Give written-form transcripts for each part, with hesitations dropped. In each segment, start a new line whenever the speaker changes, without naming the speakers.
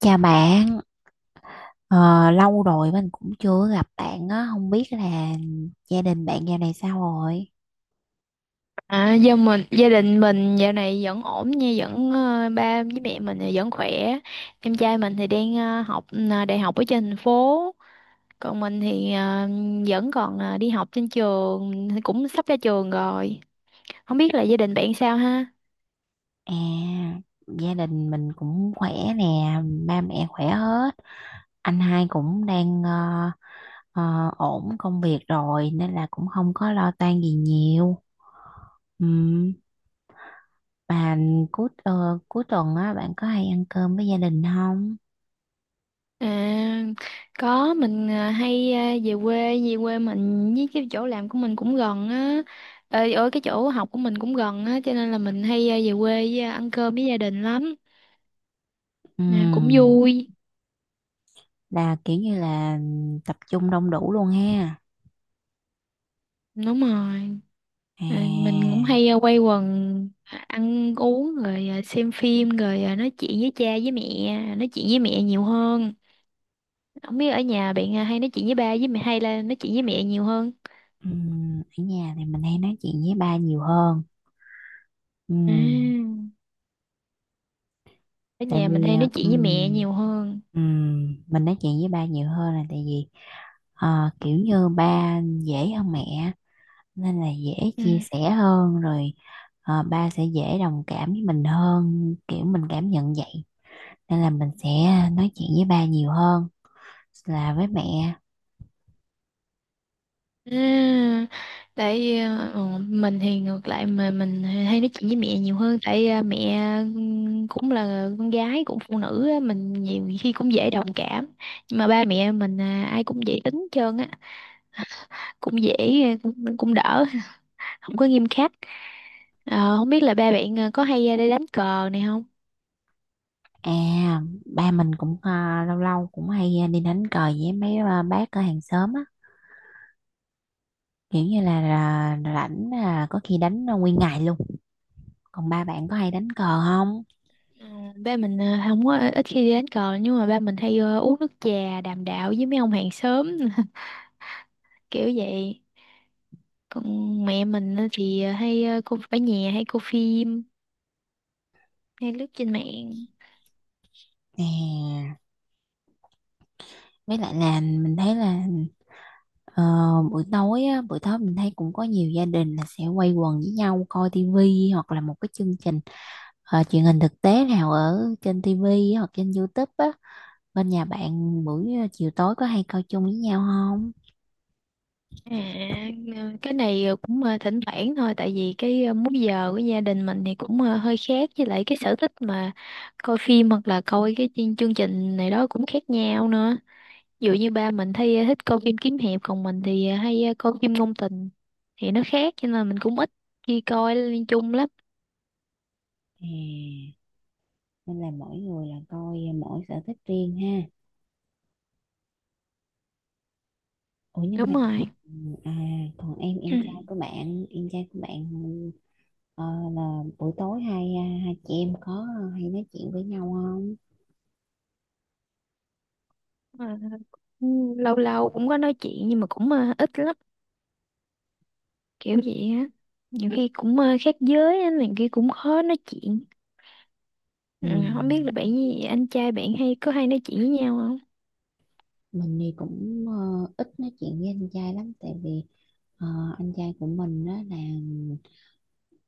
Chào bạn, ờ, lâu rồi mình cũng chưa gặp bạn á, không biết là gia đình bạn dạo này sao rồi?
À, do gia đình mình dạo này vẫn ổn nha, vẫn ba với mẹ mình thì vẫn khỏe. Em trai mình thì đang học đại học ở trên thành phố, còn mình thì vẫn còn đi học trên trường, cũng sắp ra trường rồi. Không biết là gia đình bạn sao ha?
À, gia đình mình cũng khỏe nè, ba mẹ khỏe hết, anh hai cũng đang ổn công việc rồi nên là cũng không có lo toan gì nhiều. Ừm, Bà cuối ờ, cuối tuần á, bạn có hay ăn cơm với gia đình không?
À, có mình hay về quê mình với cái chỗ làm của mình cũng gần á. Ờ, ở cái chỗ học của mình cũng gần á, cho nên là mình hay về quê ăn cơm với gia đình lắm. À, cũng
Ừm,
vui.
là kiểu như là tập trung đông đủ luôn ha.
Đúng rồi. À, mình cũng
À.
hay quay quần, ăn uống rồi, xem phim rồi, nói chuyện với cha với mẹ, nói chuyện với mẹ nhiều hơn. Không biết ở nhà bạn hay nói chuyện với ba với mẹ hay là nói chuyện với mẹ nhiều hơn?
Ở nhà thì mình hay nói chuyện với ba nhiều hơn.
À,
Ừm,
ở
tại
nhà mình
vì
hay
ờ,
nói chuyện với mẹ
ừm,
nhiều hơn.
ừm, mình nói chuyện với ba nhiều hơn là tại vì kiểu như ba dễ hơn mẹ nên là dễ
Ừ.
chia sẻ hơn rồi, ba sẽ dễ đồng cảm với mình hơn kiểu mình cảm nhận vậy nên là mình sẽ nói chuyện với ba nhiều hơn là với mẹ.
À, tại vì, mình thì ngược lại, mà mình hay nói chuyện với mẹ nhiều hơn tại mẹ cũng là con gái, cũng phụ nữ á, mình nhiều khi cũng dễ đồng cảm. Nhưng mà ba mẹ mình ai cũng dễ tính hết trơn á, cũng dễ, cũng đỡ, không có nghiêm khắc. Ờ, không biết là ba bạn có hay đi đánh cờ này không?
À, ba mình cũng lâu lâu cũng hay đi đánh cờ với mấy bác ở hàng xóm á, kiểu như là rảnh là có khi đánh là nguyên ngày luôn. Còn ba bạn có hay đánh cờ không?
Ờ, ba mình không có, ít khi đi đánh cờ, nhưng mà ba mình hay uống nước trà đàm đạo với mấy ông hàng xóm kiểu vậy. Còn mẹ mình á thì hay cô ở nhà hay cô phim, hay lướt trên mạng.
Nè, với lại là mình thấy là ờ, buổi tối á, buổi tối mình thấy cũng có nhiều gia đình là sẽ quây quần với nhau coi tivi hoặc là một cái chương trình truyền hình thực tế nào ở trên tivi hoặc trên YouTube á. Bên nhà bạn buổi chiều tối có hay coi chung với nhau không?
À, cái này cũng thỉnh thoảng thôi, tại vì cái múi giờ của gia đình mình thì cũng hơi khác, với lại cái sở thích mà coi phim hoặc là coi cái chương chương trình này đó cũng khác nhau nữa. Ví dụ như ba mình thấy thích coi phim kiếm hiệp, còn mình thì hay coi phim ngôn tình, thì nó khác, cho nên là mình cũng ít khi coi liên chung lắm.
À, nên là mỗi người là coi, mỗi sở thích riêng ha. Ủa, nhưng
Đúng
mà
rồi.
à còn em em
Ừ.
trai của bạn, ờ, là buổi tối hai hai chị em có hay nói chuyện với nhau không?
Ờ, lâu lâu cũng có nói chuyện nhưng mà cũng ít lắm, kiểu vậy á. Nhiều khi cũng khác giới á, này kia cũng khó nói chuyện. Ừ,
Ừ.
không biết là bạn với anh trai bạn hay có hay nói chuyện với nhau không?
Mình thì cũng ít nói chuyện với anh trai lắm tại vì ờ, anh trai của mình đó là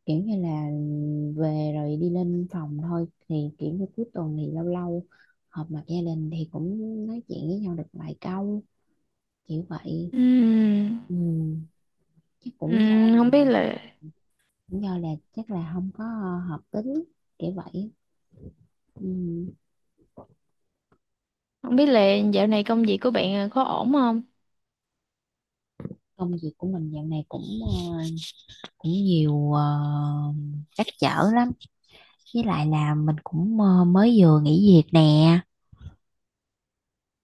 kiểu như là về rồi đi lên phòng thôi, thì kiểu như cuối tuần thì lâu lâu họp mặt gia đình thì cũng nói chuyện với nhau được vài câu, kiểu vậy.
Ừm.
Ừ. Chắc cũng do
ừm, không biết là
Lý do là chắc là không có hợp tính, kiểu vậy. Ừm,
Không biết là dạo này công việc của bạn có ổn không?
Công việc của mình dạo này cũng ờ, cũng nhiều trắc trở lắm, với lại là mình cũng mới vừa nghỉ việc nè,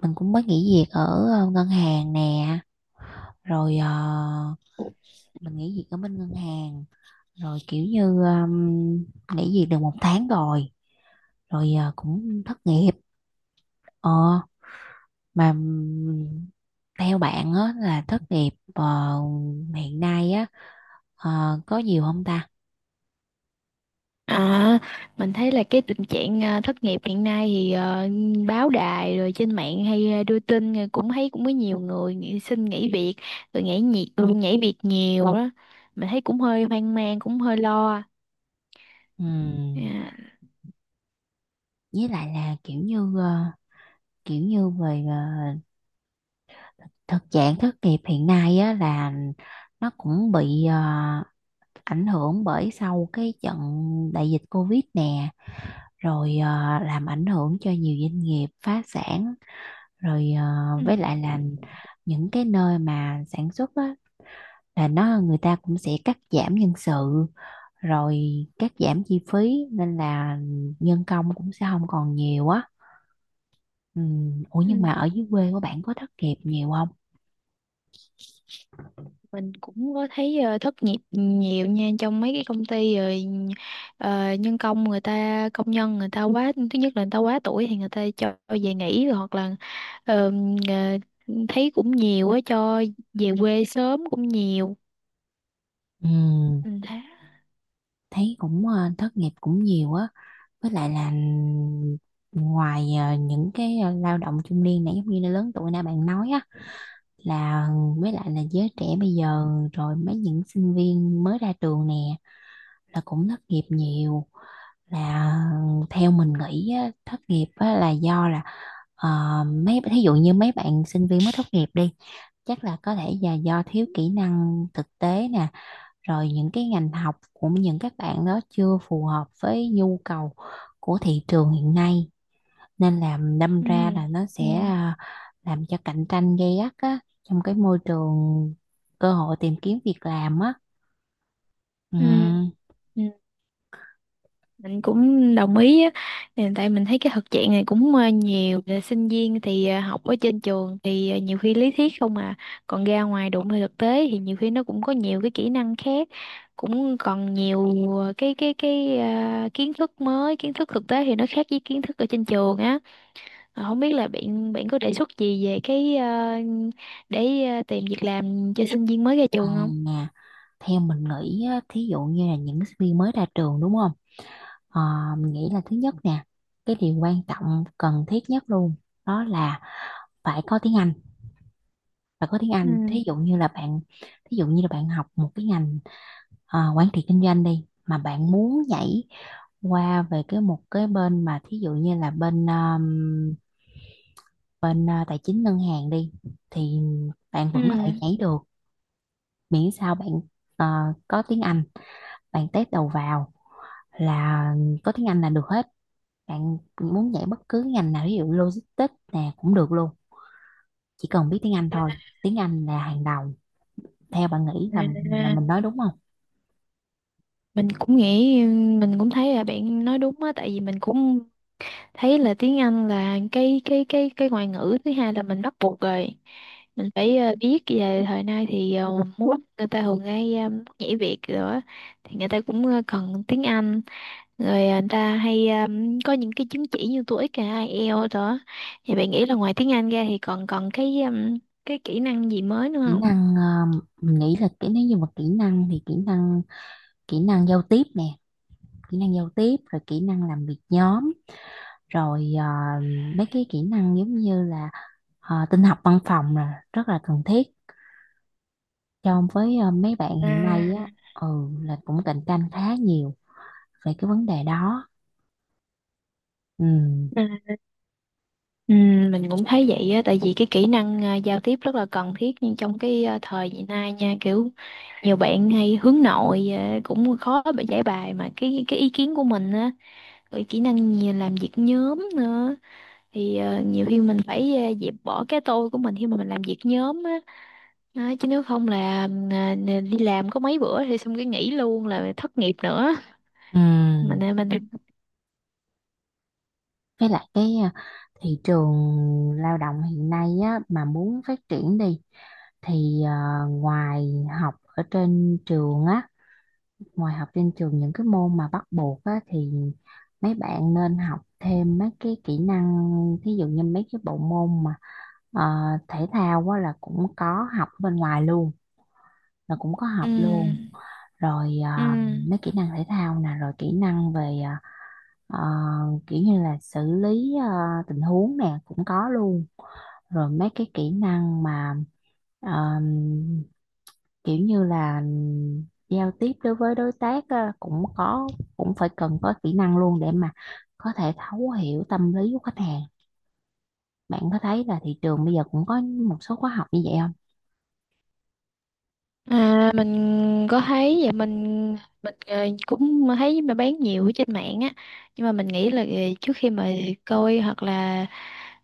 mình cũng mới nghỉ việc ở ngân hàng nè, rồi mình nghỉ việc ở bên ngân hàng rồi kiểu như nghỉ việc được một tháng rồi, rồi cũng thất nghiệp ờ mà theo bạn á, là thất nghiệp hiện nay á có nhiều không ta?
À, mình thấy là cái tình trạng thất nghiệp hiện nay thì báo đài rồi trên mạng hay đưa tin, rồi cũng thấy cũng có nhiều người nghỉ, xin nghỉ việc rồi nhảy việc, nhảy việc nhiều đó. Mình thấy cũng hơi hoang mang, cũng hơi lo.
Ừm,
À.
với lại là kiểu như kiểu như về thực trạng thất nghiệp hiện nay á là nó cũng bị ảnh hưởng bởi sau cái trận đại dịch Covid nè, rồi làm ảnh hưởng cho nhiều doanh nghiệp phá sản, rồi
Ừ.
với lại là những cái nơi mà sản xuất á là nó người ta cũng sẽ cắt giảm nhân sự rồi cắt giảm chi phí nên là nhân công cũng sẽ không còn nhiều á. Ừ. Ủa, nhưng mà ở
Ừ.
dưới quê của bạn có thất nghiệp nhiều không?
Mình cũng có thấy thất nghiệp nhiều nha, trong mấy cái công ty rồi ờ, nhân công người ta công nhân người ta quá, thứ nhất là người ta quá tuổi thì người ta cho về nghỉ, rồi hoặc là ờ, ờ, thấy cũng nhiều á, cho về quê sớm cũng nhiều,
Ừ.
mình thấy.
Thấy cũng thất nghiệp cũng nhiều á, với lại là ừ, ngoài những cái lao động trung niên này giống như là lớn tuổi nãy bạn nói á, là với lại là giới trẻ bây giờ rồi mấy những sinh viên mới ra trường nè là cũng thất nghiệp nhiều, là theo mình nghĩ á, thất nghiệp á, là do là Ờ, mấy thí dụ như mấy bạn sinh viên mới tốt nghiệp đi, chắc là có thể là do thiếu kỹ năng thực tế nè, rồi những cái ngành học của những các bạn đó chưa phù hợp với nhu cầu của thị trường hiện nay, nên là đâm
Ừ.
ra là nó
Ừ.
sẽ làm cho cạnh tranh gay gắt á trong cái môi trường cơ hội tìm kiếm việc làm á. Ừ.
Ừ. Ừ. Mình cũng đồng ý á. Ừ, tại mình thấy cái thực trạng này cũng nhiều. Là sinh viên thì học ở trên trường thì nhiều khi lý thuyết không à, còn ra ngoài đụng vào thực tế thì nhiều khi nó cũng có nhiều cái kỹ năng khác, cũng còn nhiều cái kiến thức mới, kiến thức thực tế thì nó khác với kiến thức ở trên trường á. Ờ, không biết là bạn bạn có đề xuất gì về cái để tìm việc làm cho sinh viên mới ra
à,
trường không?
nè, Theo mình nghĩ á, thí dụ như là những sinh viên mới ra trường đúng không? Ờ, mình nghĩ là thứ nhất nè, cái điều quan trọng cần thiết nhất luôn đó là phải có tiếng Anh. Và có tiếng
Ừ.
Anh. Thí dụ như là bạn học một cái ngành quản trị kinh doanh đi, mà bạn muốn nhảy qua về cái một cái bên mà thí dụ như là bên bên tài chính ngân hàng đi, thì bạn
Ừ.
vẫn có thể nhảy được miễn sao bạn ờ, có tiếng Anh, bạn test đầu vào là có tiếng Anh là được hết. Bạn muốn dạy bất cứ ngành nào ví dụ logistics nè cũng được luôn, chỉ cần biết tiếng Anh thôi, tiếng Anh là hàng đầu. Theo bạn nghĩ là
À,
mình nói đúng không?
mình cũng nghĩ, mình cũng thấy là bạn nói đúng á, tại vì mình cũng thấy là tiếng Anh là cái ngoại ngữ thứ hai là mình bắt buộc rồi, mình phải biết. Về thời nay thì muốn, người ta thường hay nhảy việc rồi á, thì người ta cũng cần tiếng Anh, rồi người ta hay có những cái chứng chỉ như TOEIC hay IELTS đó. Thì bạn nghĩ là ngoài tiếng Anh ra thì còn còn cái cái kỹ năng gì mới nữa
Kỹ
không?
năng mình nghĩ là cái nếu như mà kỹ năng giao tiếp nè, kỹ năng giao tiếp rồi kỹ năng làm việc nhóm, rồi mấy cái kỹ năng giống như là tin học văn phòng là rất là cần thiết cho với mấy bạn
À.
hiện nay á. Ừ. Là cũng cạnh tranh khá nhiều về cái vấn đề đó. Ừ.
ừ, Ừ, mình cũng thấy vậy á, tại vì cái kỹ năng giao tiếp rất là cần thiết, nhưng trong cái thời hiện nay nha, kiểu nhiều bạn hay hướng nội cũng khó bị giải bài mà cái ý kiến của mình á, rồi kỹ năng nhiều, làm việc nhóm nữa, thì nhiều khi mình phải dẹp bỏ cái tôi của mình khi mà mình làm việc nhóm á. Đó, chứ nếu không là đi làm có mấy bữa thì xong cái nghỉ luôn, là thất nghiệp nữa.
Ừ.
Mình.
Với lại cái thị trường lao động hiện nay á, mà muốn phát triển đi thì ngoài học ở trên trường á, ngoài học trên trường những cái môn mà bắt buộc á thì mấy bạn nên học thêm mấy cái kỹ năng, thí dụ như mấy cái bộ môn mà ờ, thể thao á là cũng có học bên ngoài luôn, là cũng có học luôn,
Ừ.
rồi
Ừ.
à, mấy kỹ năng thể thao nè rồi kỹ năng về ờ, kiểu như là xử lý tình huống nè cũng có luôn, rồi mấy cái kỹ năng mà ờ, kiểu như là giao tiếp đối với đối tác á, cũng có, cũng phải cần có kỹ năng luôn để mà có thể thấu hiểu tâm lý của khách hàng. Bạn có thấy là thị trường bây giờ cũng có một số khóa học như vậy không?
À, mình có thấy vậy. Mình cũng thấy mà bán nhiều ở trên mạng á, nhưng mà mình nghĩ là trước khi mà coi hoặc là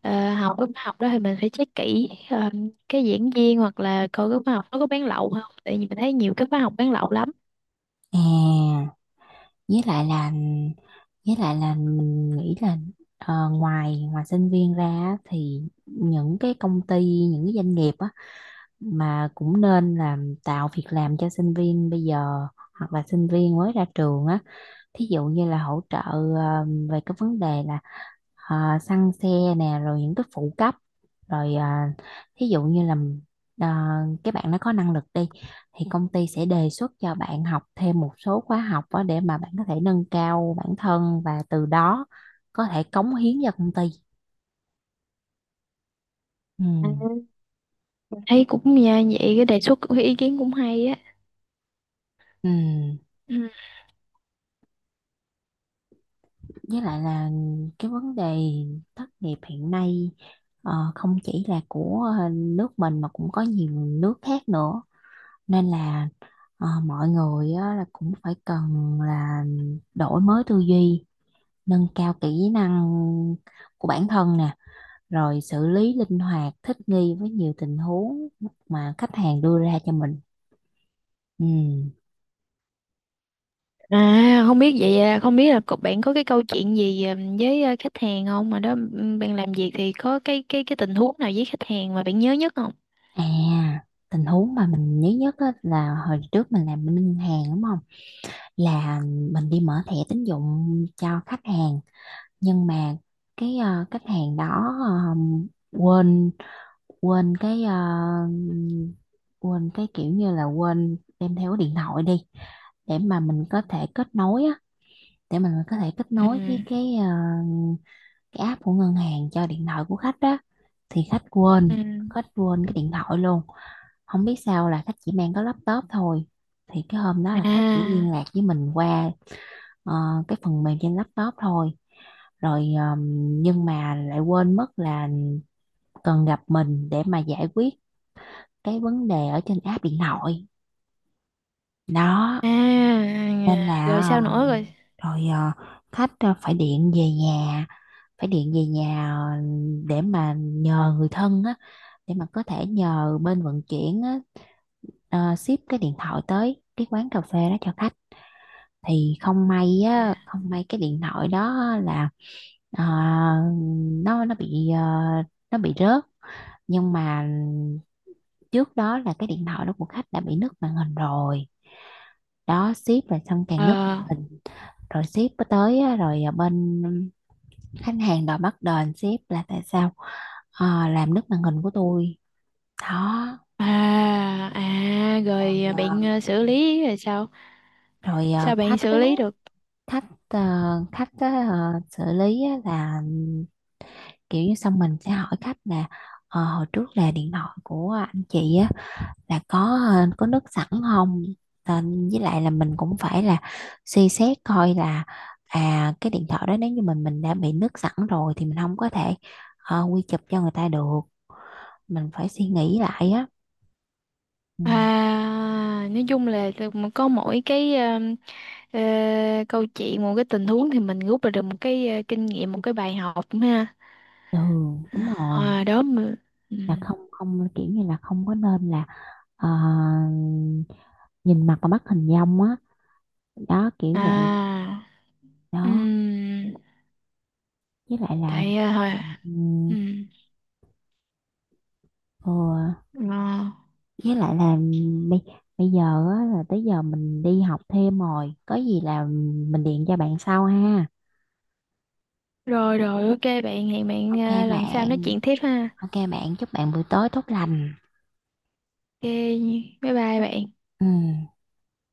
học lớp học đó thì mình phải check kỹ cái diễn viên hoặc là coi cái khóa học nó có bán lậu không, tại vì mình thấy nhiều cái khóa học bán lậu lắm.
à với lại là mình nghĩ là ngoài ngoài sinh viên ra á, thì những cái công ty những cái doanh nghiệp á mà cũng nên làm tạo việc làm cho sinh viên bây giờ hoặc là sinh viên mới ra trường á, thí dụ như là hỗ trợ về cái vấn đề là xăng xe nè rồi những cái phụ cấp, rồi thí dụ như là ờ, cái bạn nó có năng lực đi thì công ty sẽ đề xuất cho bạn học thêm một số khóa học đó để mà bạn có thể nâng cao bản thân và từ đó có thể cống hiến cho công ty. Ừ.
À, thấy cũng nha, vậy cái đề xuất, cái ý kiến cũng hay á.
Ừ.
Ừ.
Với lại là cái vấn đề thất nghiệp hiện nay không chỉ là của nước mình mà cũng có nhiều nước khác nữa, nên là mọi người á, là cũng phải cần là đổi mới tư duy, nâng cao kỹ năng của bản thân nè, rồi xử lý linh hoạt thích nghi với nhiều tình huống mà khách hàng đưa ra cho mình. Ừ.
À, không biết vậy không biết là cậu bạn có cái câu chuyện gì với khách hàng không, mà đó ừ, bạn làm việc thì có cái tình huống nào với khách hàng mà bạn nhớ nhất không?
À, tình huống mà mình nhớ nhất á, là hồi trước mình làm bên ngân hàng đúng không, là mình đi mở thẻ tín dụng cho khách hàng, nhưng mà cái khách hàng đó quên quên cái ờ, quên cái kiểu như là quên đem theo cái điện thoại đi để mà mình có thể kết nối á, để mình có thể kết
Ừ.
nối với cái cái app của ngân hàng cho điện thoại của khách đó, thì khách
Ừ.
quên, cái điện thoại luôn, không biết sao là khách chỉ mang có laptop thôi. Thì cái hôm đó là khách chỉ
À.
liên lạc với mình qua ờ, cái phần mềm trên laptop thôi, rồi nhưng mà lại quên mất là cần gặp mình để mà giải quyết cái vấn đề ở trên app điện thoại đó,
À.
nên
À, rồi
là
sao nữa rồi?
ờ, rồi ờ, khách ờ, phải điện về nhà, phải điện về nhà ờ, để mà nhờ người thân á, để mà có thể nhờ bên vận chuyển á, ship cái điện thoại tới cái quán cà phê đó cho khách. Thì không may
À.
á, không may cái điện thoại đó là ờ, nó nó bị ờ, nó bị rớt. Nhưng mà trước đó là cái điện thoại đó của khách đã bị nứt màn hình rồi, đó ship rồi xong
Ờ.
càng nứt màn hình, rồi ship có tới á, rồi bên khách hàng đòi bắt đền ship là tại sao làm nứt màn hình của tôi. Đó,
À. À,
rồi
rồi
à,
bạn xử lý rồi sao?
rồi ờ,
Sao bạn
khách
xử
á,
lý được?
khách ờ, khách á, xử lý á là kiểu như xong mình sẽ hỏi khách là hồi trước là điện thoại của anh chị á là có nước sẵn không. Nên với lại là mình cũng phải là suy xét coi là cái điện thoại đó nếu như mình đã bị nước sẵn rồi thì mình không có thể quy chụp cho người ta được, mình phải suy nghĩ lại á. Ừ.
À nói chung là từ- mà có mỗi cái ờ, câu chuyện, một cái tình huống thì mình rút ra được một cái kinh nghiệm, một cái bài học ha.
Ừ. Đúng rồi,
À, đó mà. Ừ.
là không không kiểu như là không có nên là ờ, nhìn mặt và bắt hình dong á, đó kiểu vậy.
À. Ừ.
Đó. Với lại là
Tại hồi.
Ừ. Ừ.
Ừ.
Với lại là bây bây giờ á, là tới giờ mình đi học thêm rồi có gì là mình điện cho bạn sau ha.
Rồi rồi, ok bạn, hẹn bạn
Ok
lần sau nói
bạn.
chuyện tiếp ha.
Ok bạn, chúc bạn buổi tối tốt lành.
Ok, bye bye bạn.
Ừ.